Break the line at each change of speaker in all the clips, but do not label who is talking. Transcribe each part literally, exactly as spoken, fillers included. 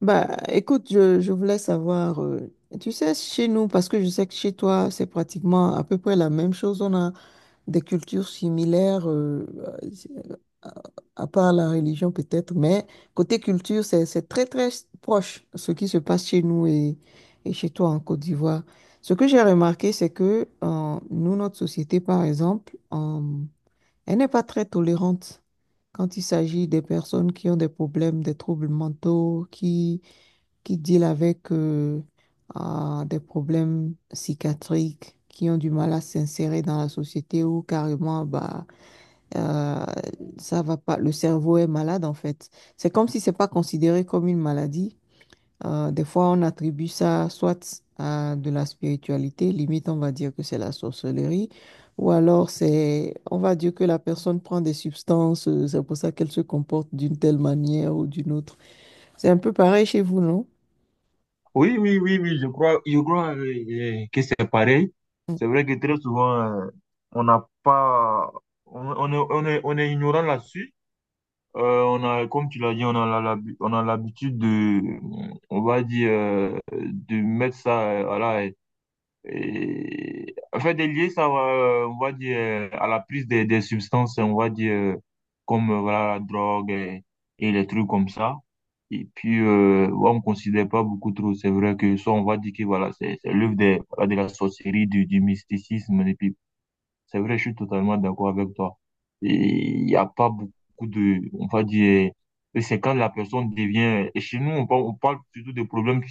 Bah, écoute, je, je voulais savoir, euh, tu sais, chez nous, parce que je sais que chez toi, c'est pratiquement à peu près la même chose. On a des cultures similaires, euh, à, à part la religion peut-être, mais côté culture, c'est, c'est très, très proche ce qui se passe chez nous et, et chez toi en Côte d'Ivoire. Ce que j'ai remarqué, c'est que euh, nous, notre société, par exemple, euh, elle n'est pas très tolérante quand il s'agit des personnes qui ont des problèmes, des troubles mentaux, qui qui deal avec euh, ah, des problèmes psychiatriques, qui ont du mal à s'insérer dans la société ou carrément, bah, euh, ça va pas, le cerveau est malade en fait. C'est comme si c'est pas considéré comme une maladie. Euh, des fois, on attribue ça soit à de la spiritualité, limite on va dire que c'est la sorcellerie, ou alors c'est, on va dire que la personne prend des substances, euh, c'est pour ça qu'elle se comporte d'une telle manière ou d'une autre. C'est un peu pareil chez vous, non?
Oui, oui, oui, oui, je crois, je crois euh, euh, que c'est pareil. C'est vrai que très souvent, euh, on n'a pas, on, on est, on est, on est ignorant là-dessus. Euh, on a, comme tu l'as dit, on a la- la- on a l'habitude de, on va dire, euh, de mettre ça, euh, voilà, et, en fait, des liés, ça va, euh, on va dire, euh, à la prise des, des substances, on va dire, euh, comme euh, voilà, la drogue et, et les trucs comme ça. Et puis, euh, ouais, on ne considère pas beaucoup trop. C'est vrai que ça, on va dire que voilà, c'est c'est l'œuvre des- voilà, de la sorcellerie, du, du mysticisme. Et puis, c'est vrai, je suis totalement d'accord avec toi. Et il n'y a pas beaucoup de, on va dire, et c'est quand la personne devient, et chez nous, on parle, on parle surtout de problèmes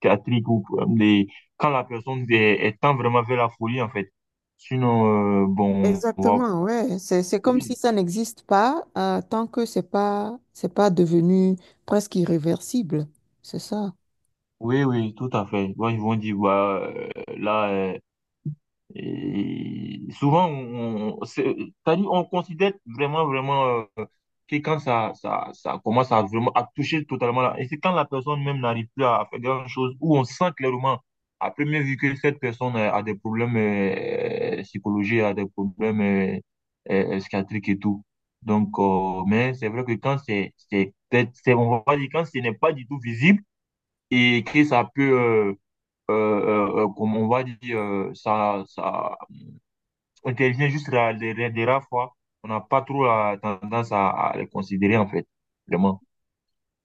psychiatrique ou problème quand la personne est, est tend vraiment vers la folie, en fait. Sinon, euh, bon, on va...
Exactement, ouais. C'est, c'est comme si
Oui,
ça n'existe pas euh, tant que c'est pas, c'est pas devenu presque irréversible. C'est ça.
oui, oui, tout à fait. Bon, ils vont dire, bah, euh, là, euh, et souvent, on, on- c'est- c'est-à-dire, on considère vraiment, vraiment euh, que quand ça, ça, ça commence à vraiment à toucher totalement là. Et c'est quand la personne même n'arrive plus à à faire grand-chose, où on sent clairement, à première vue, que cette personne euh, a des problèmes euh, psychologiques, a des problèmes euh, euh, euh, psychiatriques et tout. Donc, euh, mais c'est vrai que quand c'est, c'est, peut-être- c'est, on va dire, quand ce n'est pas du tout visible et que ça peut, euh, euh, euh, euh, comme on va dire, euh, ça, ça, on intervient juste la- les, les- les rares fois. On n'a pas trop la tendance à, à les considérer, en fait, vraiment.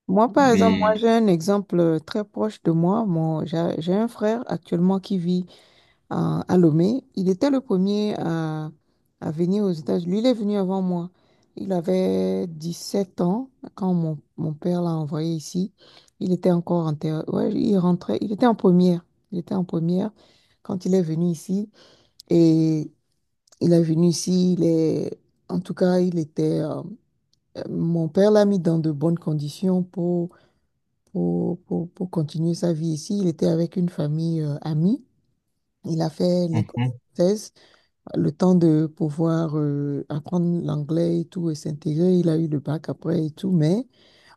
Moi, par exemple,
Mais,
moi, j'ai un exemple très proche de moi. Mon, j'ai, j'ai un frère actuellement qui vit à, à Lomé. Il était le premier à, à venir aux États-Unis. Lui, il est venu avant moi. Il avait dix-sept ans quand mon, mon père l'a envoyé ici. Il était encore en terre. Ouais, il rentrait. Il était en première. Il était en première quand il est venu ici. Et il est venu ici, il est... en tout cas, il était... euh, euh, Mon père l'a mis dans de bonnes conditions pour, pour, pour, pour continuer sa vie ici. Il était avec une famille euh, amie. Il a fait l'école
mhm,
française, le temps de pouvoir euh, apprendre l'anglais et tout et s'intégrer. Il a eu le bac après et tout. Mais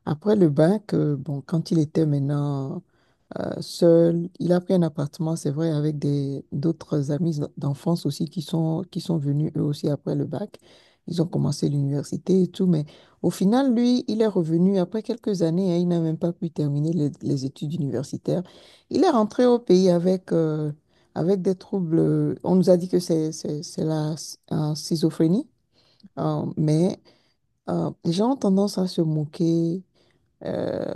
après le bac, euh, bon, quand il était maintenant seul, il a pris un appartement, c'est vrai, avec des d'autres amis d'enfance aussi qui sont, qui sont venus eux aussi après le bac. Ils ont commencé l'université et tout, mais au final, lui, il est revenu après quelques années, hein, il n'a même pas pu terminer les, les études universitaires. Il est rentré au pays avec, euh, avec des troubles. euh, On nous a dit que c'est, c'est, c'est la euh, schizophrénie, euh, mais euh, les gens ont tendance à se moquer. euh,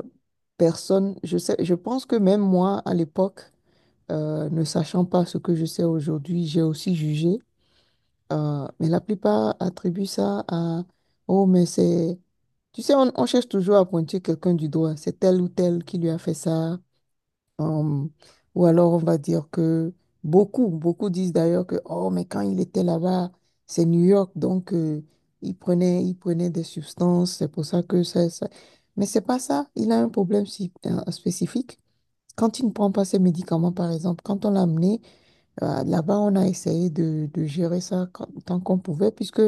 Personne, je sais, je pense que même moi, à l'époque, euh, ne sachant pas ce que je sais aujourd'hui, j'ai aussi jugé. Euh, mais la plupart attribuent ça à, oh, mais c'est... Tu sais, on, on cherche toujours à pointer quelqu'un du doigt. C'est tel ou tel qui lui a fait ça. Euh, ou alors, on va dire que beaucoup, beaucoup disent d'ailleurs que, oh, mais quand il était là-bas, c'est New York, donc euh, il prenait, il prenait des substances. C'est pour ça que ça, ça... Mais c'est pas ça. Il a un problème si- euh, spécifique. Quand il ne prend pas ses médicaments, par exemple, quand on l'a amené, euh, là-bas, on a essayé de, de gérer ça quand- tant qu'on pouvait, puisque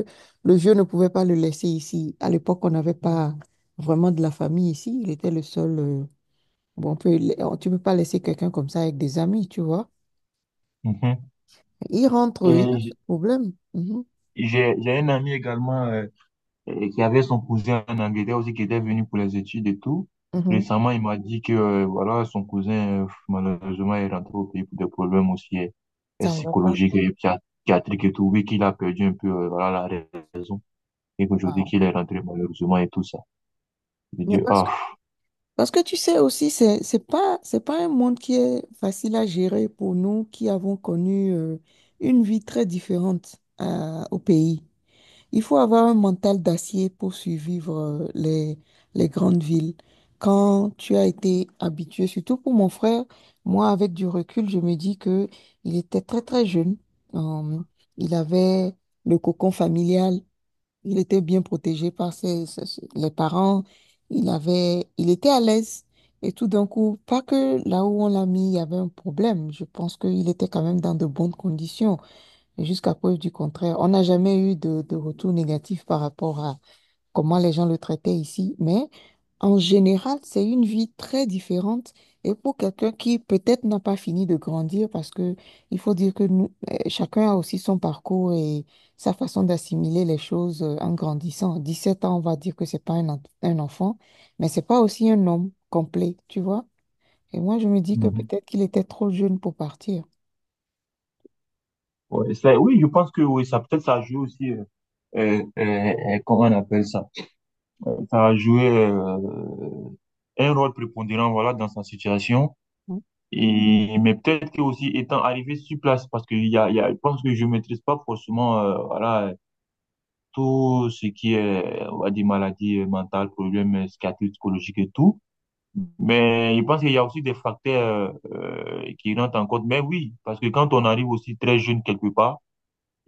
le vieux ne pouvait pas le laisser ici. À l'époque, on n'avait pas vraiment de la famille ici. Il était le seul. euh, bon, on peut, on- tu ne peux pas laisser quelqu'un comme ça avec des amis, tu vois.
mhm.
Il rentre, il a
Et
ce
j'-
problème. Mhm,
j'ai j'ai un ami également euh, euh, qui avait son cousin en Angleterre aussi, qui était venu pour les études et tout.
mhm.
Récemment, il m'a dit que euh, voilà, son cousin, euh, malheureusement, est rentré au pays pour des problèmes aussi euh, euh,
Ça ne va pas.
psychologiques et psychiat- psychiatriques et tout. Oui, qu'il a perdu un peu euh, voilà, la raison. Et qu'aujourd'hui,
Wow.
qu'il est rentré malheureusement et tout ça. J'ai
Mais
dit,
parce que,
ah.
parce que tu sais aussi, c'est, c'est pas, c'est pas un monde qui est facile à gérer pour nous qui avons connu euh, une vie très différente euh, au pays. Il faut avoir un mental d'acier pour survivre euh, les, les grandes villes. Quand tu as été habitué, surtout pour mon frère, moi, avec du recul, je me dis que il était très, très jeune. Euh, il avait le cocon familial. Il était bien protégé par ses, ses- ses- les parents. Il avait, il était à l'aise. Et tout d'un coup, pas que là où on l'a mis, il y avait un problème. Je pense qu'il était quand même dans de bonnes conditions. Et jusqu'à preuve du contraire, on n'a jamais eu de, de retour négatif par rapport à comment les gens le traitaient ici. Mais en général, c'est une vie très différente. Et pour quelqu'un qui peut-être n'a pas fini de grandir, parce que il faut dire que nous, eh, chacun a aussi son parcours et sa façon d'assimiler les choses euh, en grandissant. Dix-sept ans, on va dire que c'est pas un, en- un enfant, mais c'est pas aussi un homme complet, tu vois. Et moi, je me dis que peut-être qu'il était trop jeune pour partir.
Ouais, ça- oui, je pense que oui, ça peut-être ça a joué aussi, euh, euh, euh, euh, comment on appelle ça? Euh, Ça a joué euh, un rôle prépondérant voilà, dans sa situation. Et, mais peut-être que aussi étant arrivé sur place, parce que il y a, il y a, je pense que je maîtrise pas forcément euh, voilà, euh, tout ce qui est on va dire, maladie euh, mentale, problèmes euh, psychiatriques, psychologiques et tout. Mais je pense qu'il y a aussi des facteurs euh, euh, qui rentrent en compte. Mais oui, parce que quand on arrive aussi très jeune quelque part,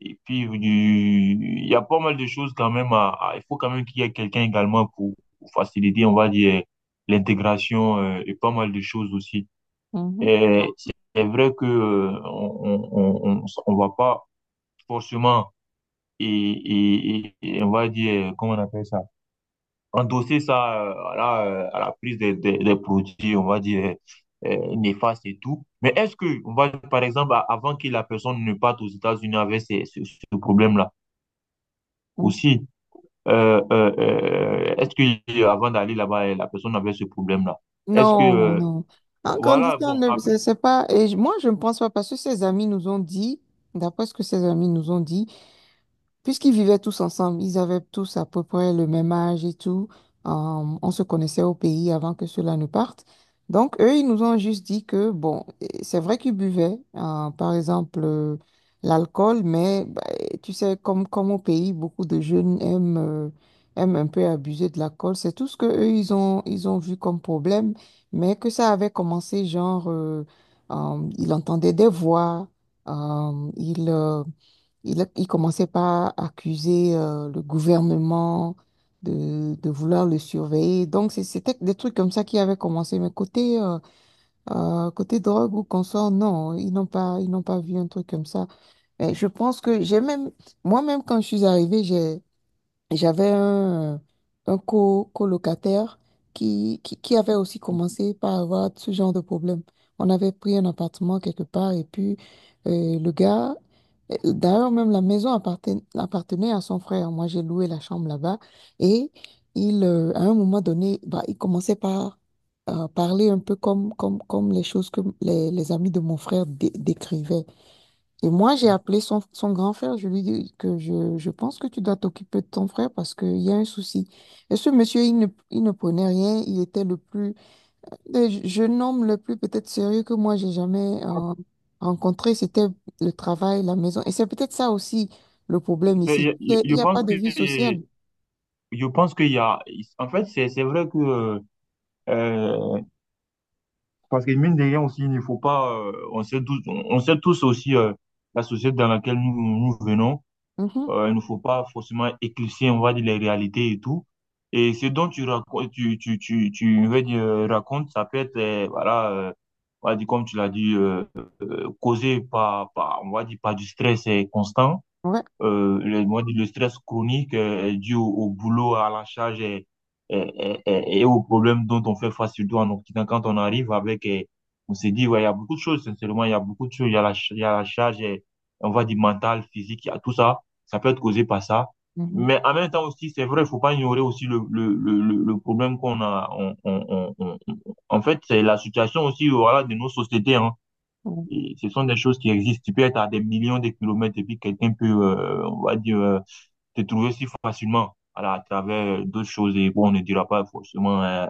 et puis, euh, du- il y a pas mal de choses quand même à, à- il faut quand même qu'il y ait quelqu'un également pour, pour faciliter, on va dire, l'intégration euh, et pas mal de choses aussi.
Mhm,
Et c'est vrai que euh, on, on, on, on va pas forcément et, et, et- et on va dire, comment on appelle ça, endosser ça euh, à la, euh, à la prise des, des, des produits, on va dire, euh, néfastes et tout. Mais est-ce que, on va, par exemple, a- avant que la personne ne parte aux États-Unis avec ces- ce ce problème-là
mhm.
aussi, euh, euh, euh, est-ce que euh, avant d'aller là-bas, euh, la personne avait ce problème-là? Est-ce que,
Non,
euh,
non. En
voilà,
grandissant,
bon,
ne-
après,
c'est c'est pas. Et je- moi, je ne pense pas parce que ses amis nous ont dit, d'après ce que ses amis nous ont dit, puisqu'ils vivaient tous ensemble, ils avaient tous à peu près le même âge et tout. euh, on se connaissait au pays avant que cela ne parte. Donc, eux, ils nous ont juste dit que, bon, euh, c'est vrai qu'ils buvaient, euh, par exemple, euh, l'alcool, mais bah, eh, tu sais, comme, comme au pays, beaucoup de jeunes aiment, euh, aiment un peu abuser de l'alcool. C'est tout ce que eux, ils ont, ils ont vu comme problème, mais que ça avait commencé, genre, euh, euh, ils entendaient des voix, euh, ils... euh, il, il commençait par accuser euh, le gouvernement de, de vouloir le surveiller. Donc, c'est- c'était des trucs comme ça qui avaient commencé. Mais côté, euh, euh, côté drogue ou consort, non, ils n'ont pas, ils n'ont pas vu un truc comme ça. Mais je pense que j'ai même, moi-même, quand je suis arrivée, j'ai j'avais un, un co colocataire qui, qui, qui avait aussi commencé par avoir ce genre de problème. On avait pris un appartement quelque part et puis euh, le gars, euh, d'ailleurs même la maison apparten- appartenait à son frère. Moi, j'ai loué la chambre là-bas et il, euh, à un moment donné, bah, il commençait par euh, parler un peu comme, comme, comme les choses que les, les amis de mon frère dé- décrivaient. Et moi, j'ai appelé son, son grand frère. Je lui dis que je, je pense que tu dois t'occuper de ton frère parce qu'il y a un souci. Et ce monsieur, il ne, il ne prenait rien. Il était le plus, le jeune homme le plus peut-être sérieux que moi, j'ai jamais euh, rencontré. C'était le travail, la maison. Et c'est peut-être ça aussi le problème ici. Il
je,
n'y a
je
y a pas
pense
de vie sociale.
que, je pense qu'il y a, en fait, c'est, c'est vrai que, euh, parce que mine de rien aussi, il ne faut pas, euh, on sait tous, on sait tous aussi euh, la société dans laquelle nous, nous venons.
Mhm.
Euh, il ne faut pas forcément éclipser, on va dire, les réalités et tout. Et ce dont tu racontes, tu, tu, tu, tu veux dire, euh, racontes, ça peut être, euh, voilà, euh, on va dire, comme tu l'as dit, euh, euh, causé par, par, on va dire, par du stress euh, constant
Ouais.
euh, le, moi, le stress chronique euh, est dû au, au boulot, à la charge et, et, et- et aux problèmes dont on fait face, surtout en Occident. Quand on arrive avec, euh, on s'est dit, ouais, il y a beaucoup de choses, sincèrement, il y a beaucoup de choses. Il y a la, ch- il y a la charge, et, on va dire mentale, physique, il y a tout ça. Ça peut être causé par ça.
Mhm.
Mais en même temps aussi, c'est vrai, il faut pas ignorer aussi le, le, le, le le problème qu'on a. On, on, on, on- on- en fait, c'est la situation aussi, voilà, de nos sociétés, hein.
Ouais.
Et ce sont des choses qui existent. Tu peux être à des millions de kilomètres et puis quelqu'un peut, euh, on va dire, euh, te trouver si facilement voilà, à travers euh, d'autres choses. Et bon, on ne dira pas forcément euh,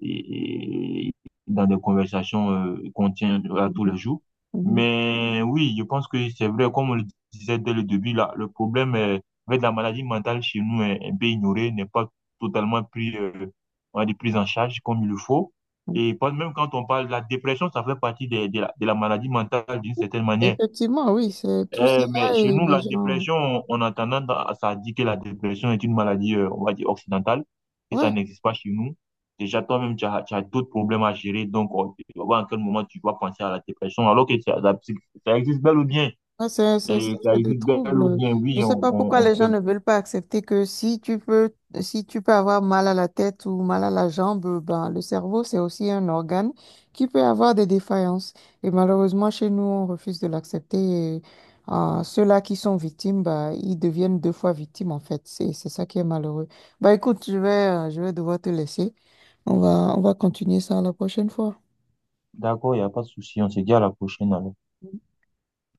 et, et dans des conversations euh, qu'on tient à tous les
Mhm.
jours.
Mhm.
Mais oui, je pense que c'est vrai, comme on le disait dès le début, là, le problème euh, avec la maladie mentale chez nous est un peu ignoré, n'est pas totalement pris, euh, on va dire, pris en charge comme il le faut.
Mhm.
Et pas- même quand on parle de la dépression, ça fait partie des- de, la, de la maladie mentale d'une certaine manière.
Effectivement, oui, c'est tout ça
Euh, mais chez
et
nous,
les
la
gens.
dépression, on on a tendance à, ça dit que la dépression est une maladie, euh, on va dire, occidentale, et ça
Ouais.
n'existe pas chez nous. Déjà, toi-même, tu as, tu as d'autres problèmes à gérer, donc on tu vas voir à quel moment tu vas penser à la dépression, alors que ça, la psy- ça existe bel ou bien.
Non, c'est c'est- c'est-
Et ça
c'est des
existe bel ou
troubles.
bien,
Je
oui,
ne sais
on,
pas pourquoi
on, on
les gens
fait.
ne veulent pas accepter que si tu peux, si tu peux avoir mal à la tête ou mal à la jambe, ben, le cerveau, c'est aussi un organe qui peut avoir des défaillances. Et malheureusement, chez nous, on refuse de l'accepter. Et, euh, ceux-là qui sont victimes, bah, ils deviennent deux fois victimes, en fait. C'est, c'est ça qui est malheureux. Bah, écoute, je vais, euh, je vais devoir te laisser. On va, on va continuer ça la prochaine fois.
D'accord, il n'y a pas de souci, on se dit à la prochaine alors.